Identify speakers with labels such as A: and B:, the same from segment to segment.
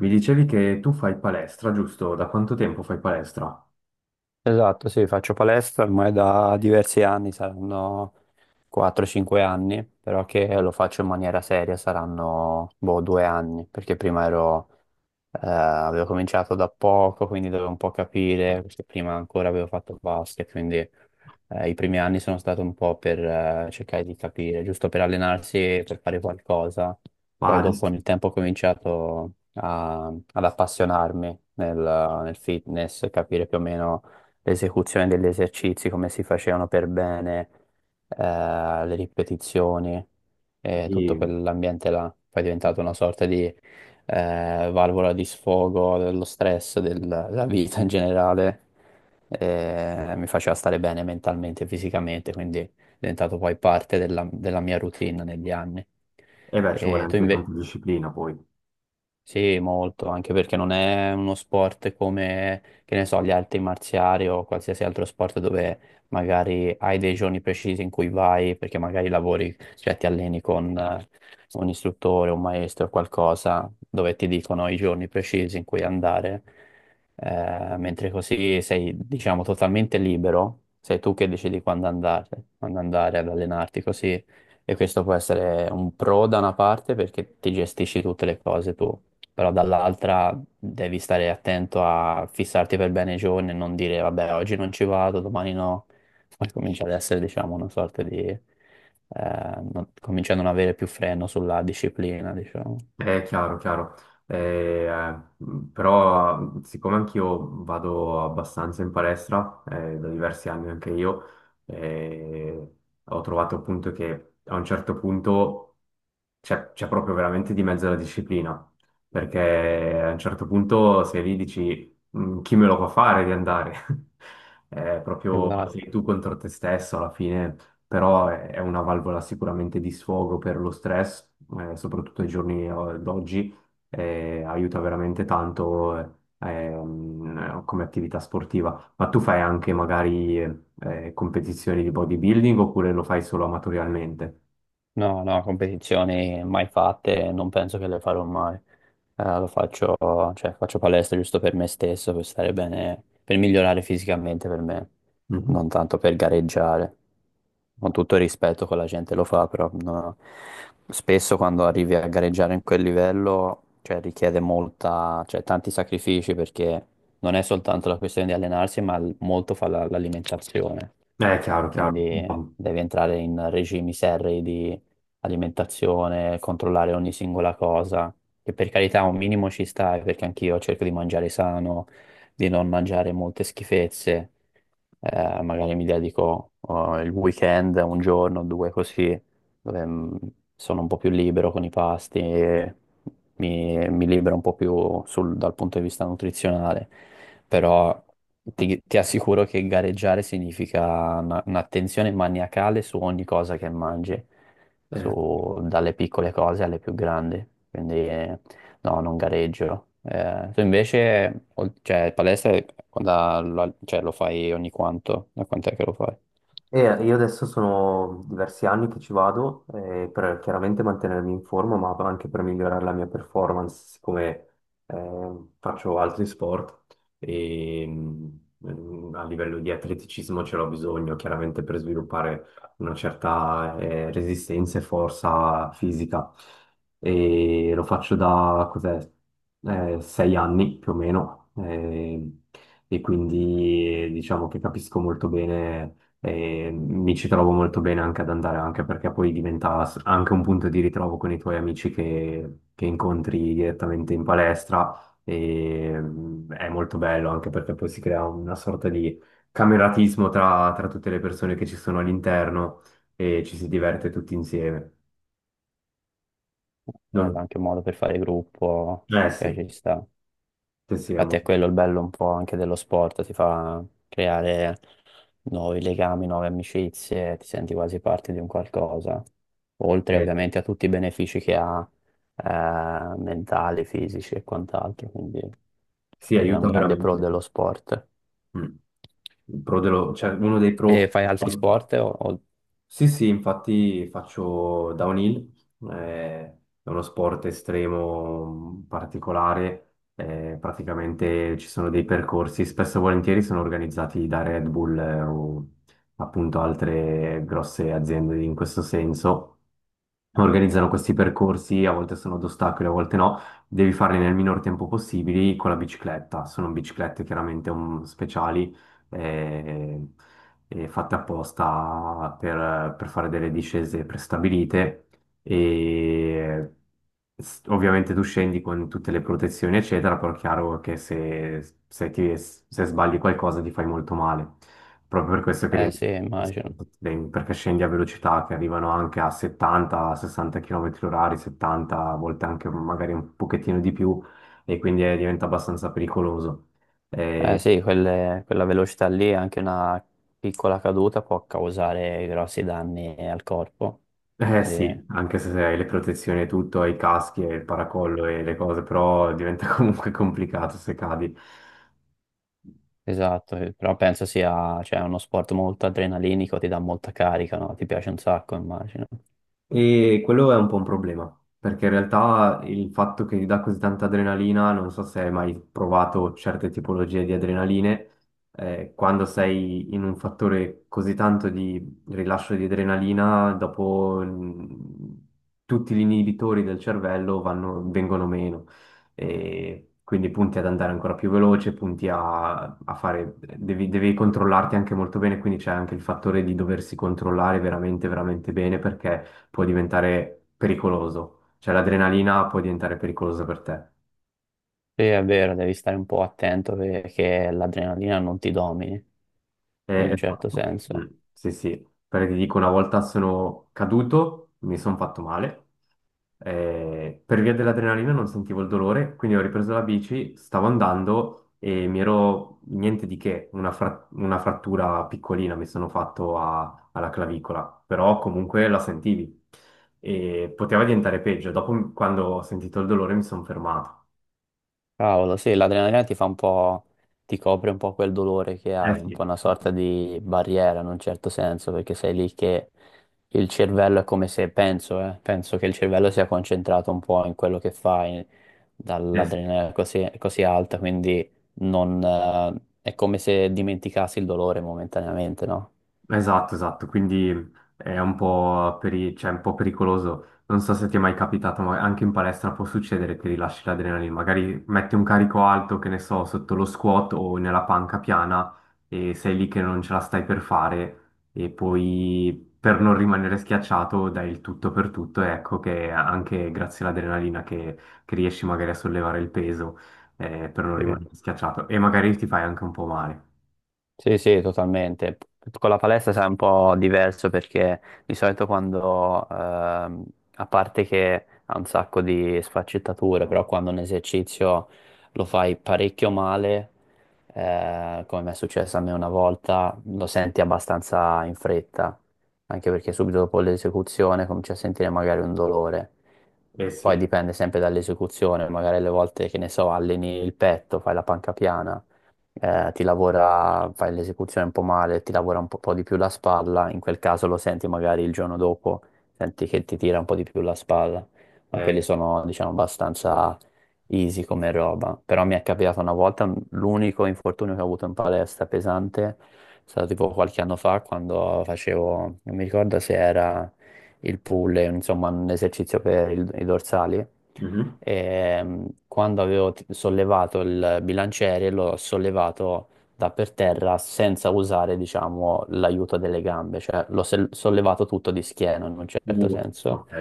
A: Mi dicevi che tu fai palestra, giusto? Da quanto tempo fai palestra?
B: Esatto, sì, faccio palestra ormai da diversi anni, saranno 4-5 anni, però che lo faccio in maniera seria saranno boh, 2 anni, perché prima ero avevo cominciato da poco, quindi dovevo un po' capire, perché prima ancora avevo fatto basket, quindi i primi anni sono stato un po' per cercare di capire, giusto per allenarsi e per fare qualcosa. Poi
A: Ma di...
B: dopo nel tempo ho cominciato ad appassionarmi nel fitness, capire più o meno l'esecuzione degli esercizi, come si facevano per bene, le ripetizioni e tutto
A: E
B: quell'ambiente là. Poi è diventato una sorta di valvola di sfogo dello stress, della vita in generale, mi faceva stare bene mentalmente e fisicamente, quindi è diventato poi parte della mia routine negli anni.
A: eh beh, ci vuole
B: E tu
A: anche
B: invece?
A: tanta disciplina poi.
B: Sì, molto, anche perché non è uno sport come, che ne so, gli altri marziali o qualsiasi altro sport dove magari hai dei giorni precisi in cui vai, perché magari lavori, cioè ti alleni con un istruttore, un maestro o qualcosa, dove ti dicono i giorni precisi in cui andare, mentre così sei, diciamo, totalmente libero, sei tu che decidi quando andare ad allenarti, così e questo può essere un pro da una parte perché ti gestisci tutte le cose tu, però dall'altra devi stare attento a fissarti per bene i giorni e non dire vabbè oggi non ci vado, domani no. Poi comincia ad essere diciamo una sorta di... comincia a non avere più freno sulla disciplina, diciamo.
A: È chiaro, chiaro. Eh, eh, però siccome anch'io vado abbastanza in palestra, da diversi anni anche io, eh, ho trovato appunto che a un certo punto c'è proprio veramente di mezzo la disciplina, perché a un certo punto sei lì e dici "Mm, chi me lo fa fare di andare?" È proprio sei
B: Esatto.
A: tu contro te stesso alla fine, però è una valvola sicuramente di sfogo per lo stress, soprattutto ai giorni d'oggi, aiuta veramente tanto come attività sportiva. Ma tu fai anche magari competizioni di bodybuilding oppure lo fai solo amatorialmente?
B: No, no, competizioni mai fatte, non penso che le farò mai. Lo faccio, cioè, faccio palestra giusto per me stesso, per stare bene, per migliorare fisicamente per me,
A: Mhm.
B: non tanto per gareggiare. Con tutto il rispetto che la gente lo fa, però no. No. Spesso quando arrivi a gareggiare in quel livello, cioè, richiede molta, cioè, tanti sacrifici perché non è soltanto la questione di allenarsi, ma molto fa l'alimentazione,
A: Chiaro, chiaro.
B: quindi
A: No,
B: devi entrare in regimi serri di alimentazione, controllare ogni singola cosa, che per carità un minimo ci sta, perché anch'io cerco di mangiare sano, di non mangiare molte schifezze. Magari mi dedico oh, il weekend, un giorno, due così, dove sono un po' più libero con i pasti, e mi libero un po' più dal punto di vista nutrizionale, però ti assicuro che gareggiare significa un'attenzione maniacale su ogni cosa che mangi,
A: eh,
B: dalle piccole cose alle più grandi, quindi no, non gareggio. Tu invece, cioè, palestra, quando, cioè, lo fai ogni quanto? Da quant'è che lo fai?
A: e io adesso sono diversi anni che ci vado per chiaramente mantenermi in forma, ma anche per migliorare la mia performance, siccome faccio altri sport e mm, a livello di atleticismo ce l'ho bisogno, chiaramente per sviluppare una certa resistenza e forza fisica. E lo faccio da cos'è, sei anni più o meno, e quindi diciamo che capisco molto bene e mi ci trovo molto bene anche ad andare, anche perché poi diventa anche un punto di ritrovo con i tuoi amici che incontri direttamente in palestra e mm, è molto bello anche perché poi si crea una sorta di cameratismo tra, tra tutte le persone che ci sono all'interno e ci si diverte tutti insieme.
B: Bello,
A: Non-
B: anche un modo per fare gruppo,
A: Eh sì,
B: cioè ci sta.
A: sì, è
B: Infatti è
A: molto...
B: quello il bello un po' anche dello sport, ti fa creare nuovi legami, nuove amicizie, ti senti quasi parte di un qualcosa, oltre
A: eh,
B: ovviamente a tutti i benefici che ha, mentali, fisici e quant'altro, quindi
A: sì,
B: quello è un
A: aiuta
B: grande pro
A: veramente.
B: dello sport.
A: Mm. Il cioè, uno dei
B: E
A: pro.
B: fai altri sport? O?
A: Sì, sì, infatti faccio downhill, è uno sport estremo particolare, praticamente ci sono dei percorsi, spesso e volentieri sono organizzati da Red Bull, o appunto altre grosse aziende in questo senso. Organizzano questi percorsi, a volte sono ad ostacoli, a volte no, devi farli nel minor tempo possibile con la bicicletta, sono biciclette chiaramente speciali. eh, Fatte apposta per fare delle discese prestabilite e ovviamente tu scendi con tutte le protezioni eccetera, però è chiaro che se sbagli qualcosa ti fai molto male. Proprio per questo che
B: Eh
A: rientro
B: sì,
A: in
B: immagino.
A: sport extreme, perché scendi a velocità che arrivano anche a 70-60 km orari, 70, a volte anche magari un pochettino di più, e quindi diventa abbastanza pericoloso.
B: Eh
A: Eh,
B: sì, quella velocità lì, anche una piccola caduta può causare grossi danni al corpo.
A: Eh sì,
B: Quindi,
A: anche se hai le protezioni e tutto, hai i caschi e il paracollo e le cose, però diventa comunque complicato se cadi.
B: esatto, però penso sia, cioè, uno sport molto adrenalinico, ti dà molta carica, no? Ti piace un sacco, immagino.
A: E quello è un po' un problema, perché in realtà il fatto che ti dà così tanta adrenalina, non so se hai mai provato certe tipologie di adrenaline, quando sei in un fattore così tanto di rilascio di adrenalina, dopo mm, tutti gli inibitori del cervello vengono meno. E quindi punti ad andare ancora più veloce, punti a, a fare, devi controllarti anche molto bene, quindi c'è anche il fattore di doversi controllare veramente, veramente bene perché può diventare pericoloso. Cioè l'adrenalina può diventare pericolosa per te.
B: Sì, è vero, devi stare un po' attento perché l'adrenalina non ti domini, in un certo
A: Esatto. Mm,
B: senso.
A: sì, sì. Perché ti dico, una volta sono caduto, mi sono fatto male. Per via dell'adrenalina non sentivo il dolore, quindi ho ripreso la bici, stavo andando e mi ero niente di che, una, una frattura piccolina mi sono fatto alla clavicola, però comunque la sentivi e poteva diventare peggio. Dopo, quando ho sentito il dolore, mi sono fermato.
B: Cavolo, sì, l'adrenalina ti fa un po', ti copre un po' quel dolore che
A: Eh
B: hai, un
A: sì.
B: po' una sorta di barriera in un certo senso, perché sei lì che il cervello è come se, penso, penso che il cervello sia concentrato un po' in quello che fai,
A: Eh sì,
B: dall'adrenalina così, così alta, quindi non, è come se dimenticassi il dolore momentaneamente, no?
A: esatto, esatto, quindi è un po', cioè, un po' pericoloso. Non so se ti è mai capitato, ma anche in palestra può succedere che rilasci l'adrenalina. Magari metti un carico alto, che ne so, sotto lo squat o nella panca piana e sei lì che non ce la stai per fare e poi per non rimanere schiacciato dai il tutto per tutto e ecco che anche grazie all'adrenalina che riesci magari a sollevare il peso per non
B: Sì.
A: rimanere schiacciato e magari ti fai anche un po' male.
B: Sì, sì, totalmente. Con la palestra sarà un po' diverso perché di solito quando, a parte che ha un sacco di sfaccettature, però quando un esercizio lo fai parecchio male, come mi è successo a me una volta, lo senti abbastanza in fretta, anche perché subito dopo l'esecuzione cominci a sentire magari un dolore.
A: Eh
B: Poi
A: sì.
B: dipende sempre dall'esecuzione, magari le volte che ne so, alleni il petto, fai la panca piana, ti lavora, fai l'esecuzione un po' male, ti lavora un po', di più la spalla, in quel caso lo senti magari il giorno dopo, senti che ti tira un po' di più la spalla, ma quelli
A: Eh.
B: sono, diciamo, abbastanza easy come roba. Però mi è capitato una volta, l'unico infortunio che ho avuto in palestra pesante è stato tipo qualche anno fa quando facevo, non mi ricordo se era il pull, insomma, un esercizio per i dorsali.
A: Mhm.
B: Quando avevo sollevato il bilanciere, l'ho sollevato da per terra senza usare, diciamo, l'aiuto delle gambe, cioè l'ho sollevato tutto di schiena in un certo senso.
A: Ok,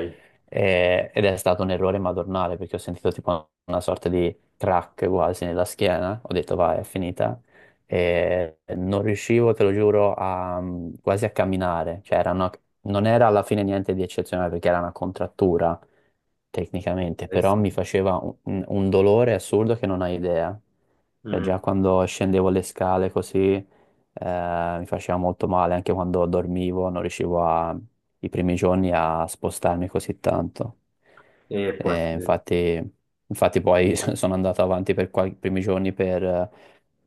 B: Ed è stato un errore madornale perché ho sentito tipo una sorta di crack quasi nella schiena. Ho detto, vai, è finita e non riuscivo, te lo giuro, a, quasi a camminare. Cioè, era non era alla fine niente di eccezionale perché era una contrattura tecnicamente,
A: eh
B: però
A: sì.
B: mi faceva un dolore assurdo che non hai idea. Cioè,
A: Mm,
B: già quando scendevo le scale così, mi faceva molto male, anche quando dormivo, non riuscivo a, i primi giorni a spostarmi così tanto.
A: E può essere-
B: Infatti, infatti poi sono andato avanti per i primi giorni per,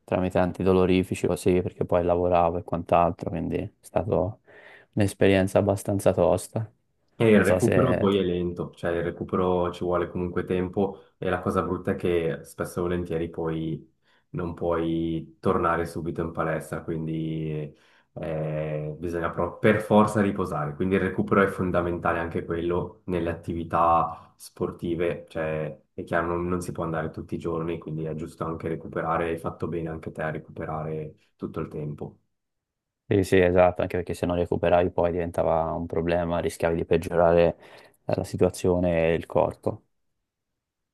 B: tramite antidolorifici così, perché poi lavoravo e quant'altro, quindi è stata un'esperienza abbastanza tosta.
A: e il
B: Non so
A: recupero
B: se...
A: poi è lento, cioè il recupero ci vuole comunque tempo e la cosa brutta è che spesso e volentieri poi non puoi tornare subito in palestra, quindi bisogna proprio per forza riposare. Quindi il recupero è fondamentale anche quello nelle attività sportive, cioè è chiaro non, non si può andare tutti i giorni, quindi è giusto anche recuperare, hai fatto bene anche te a recuperare tutto il tempo.
B: Sì, sì, esatto, anche perché se non recuperavi poi diventava un problema, rischiavi di peggiorare la situazione e il corpo.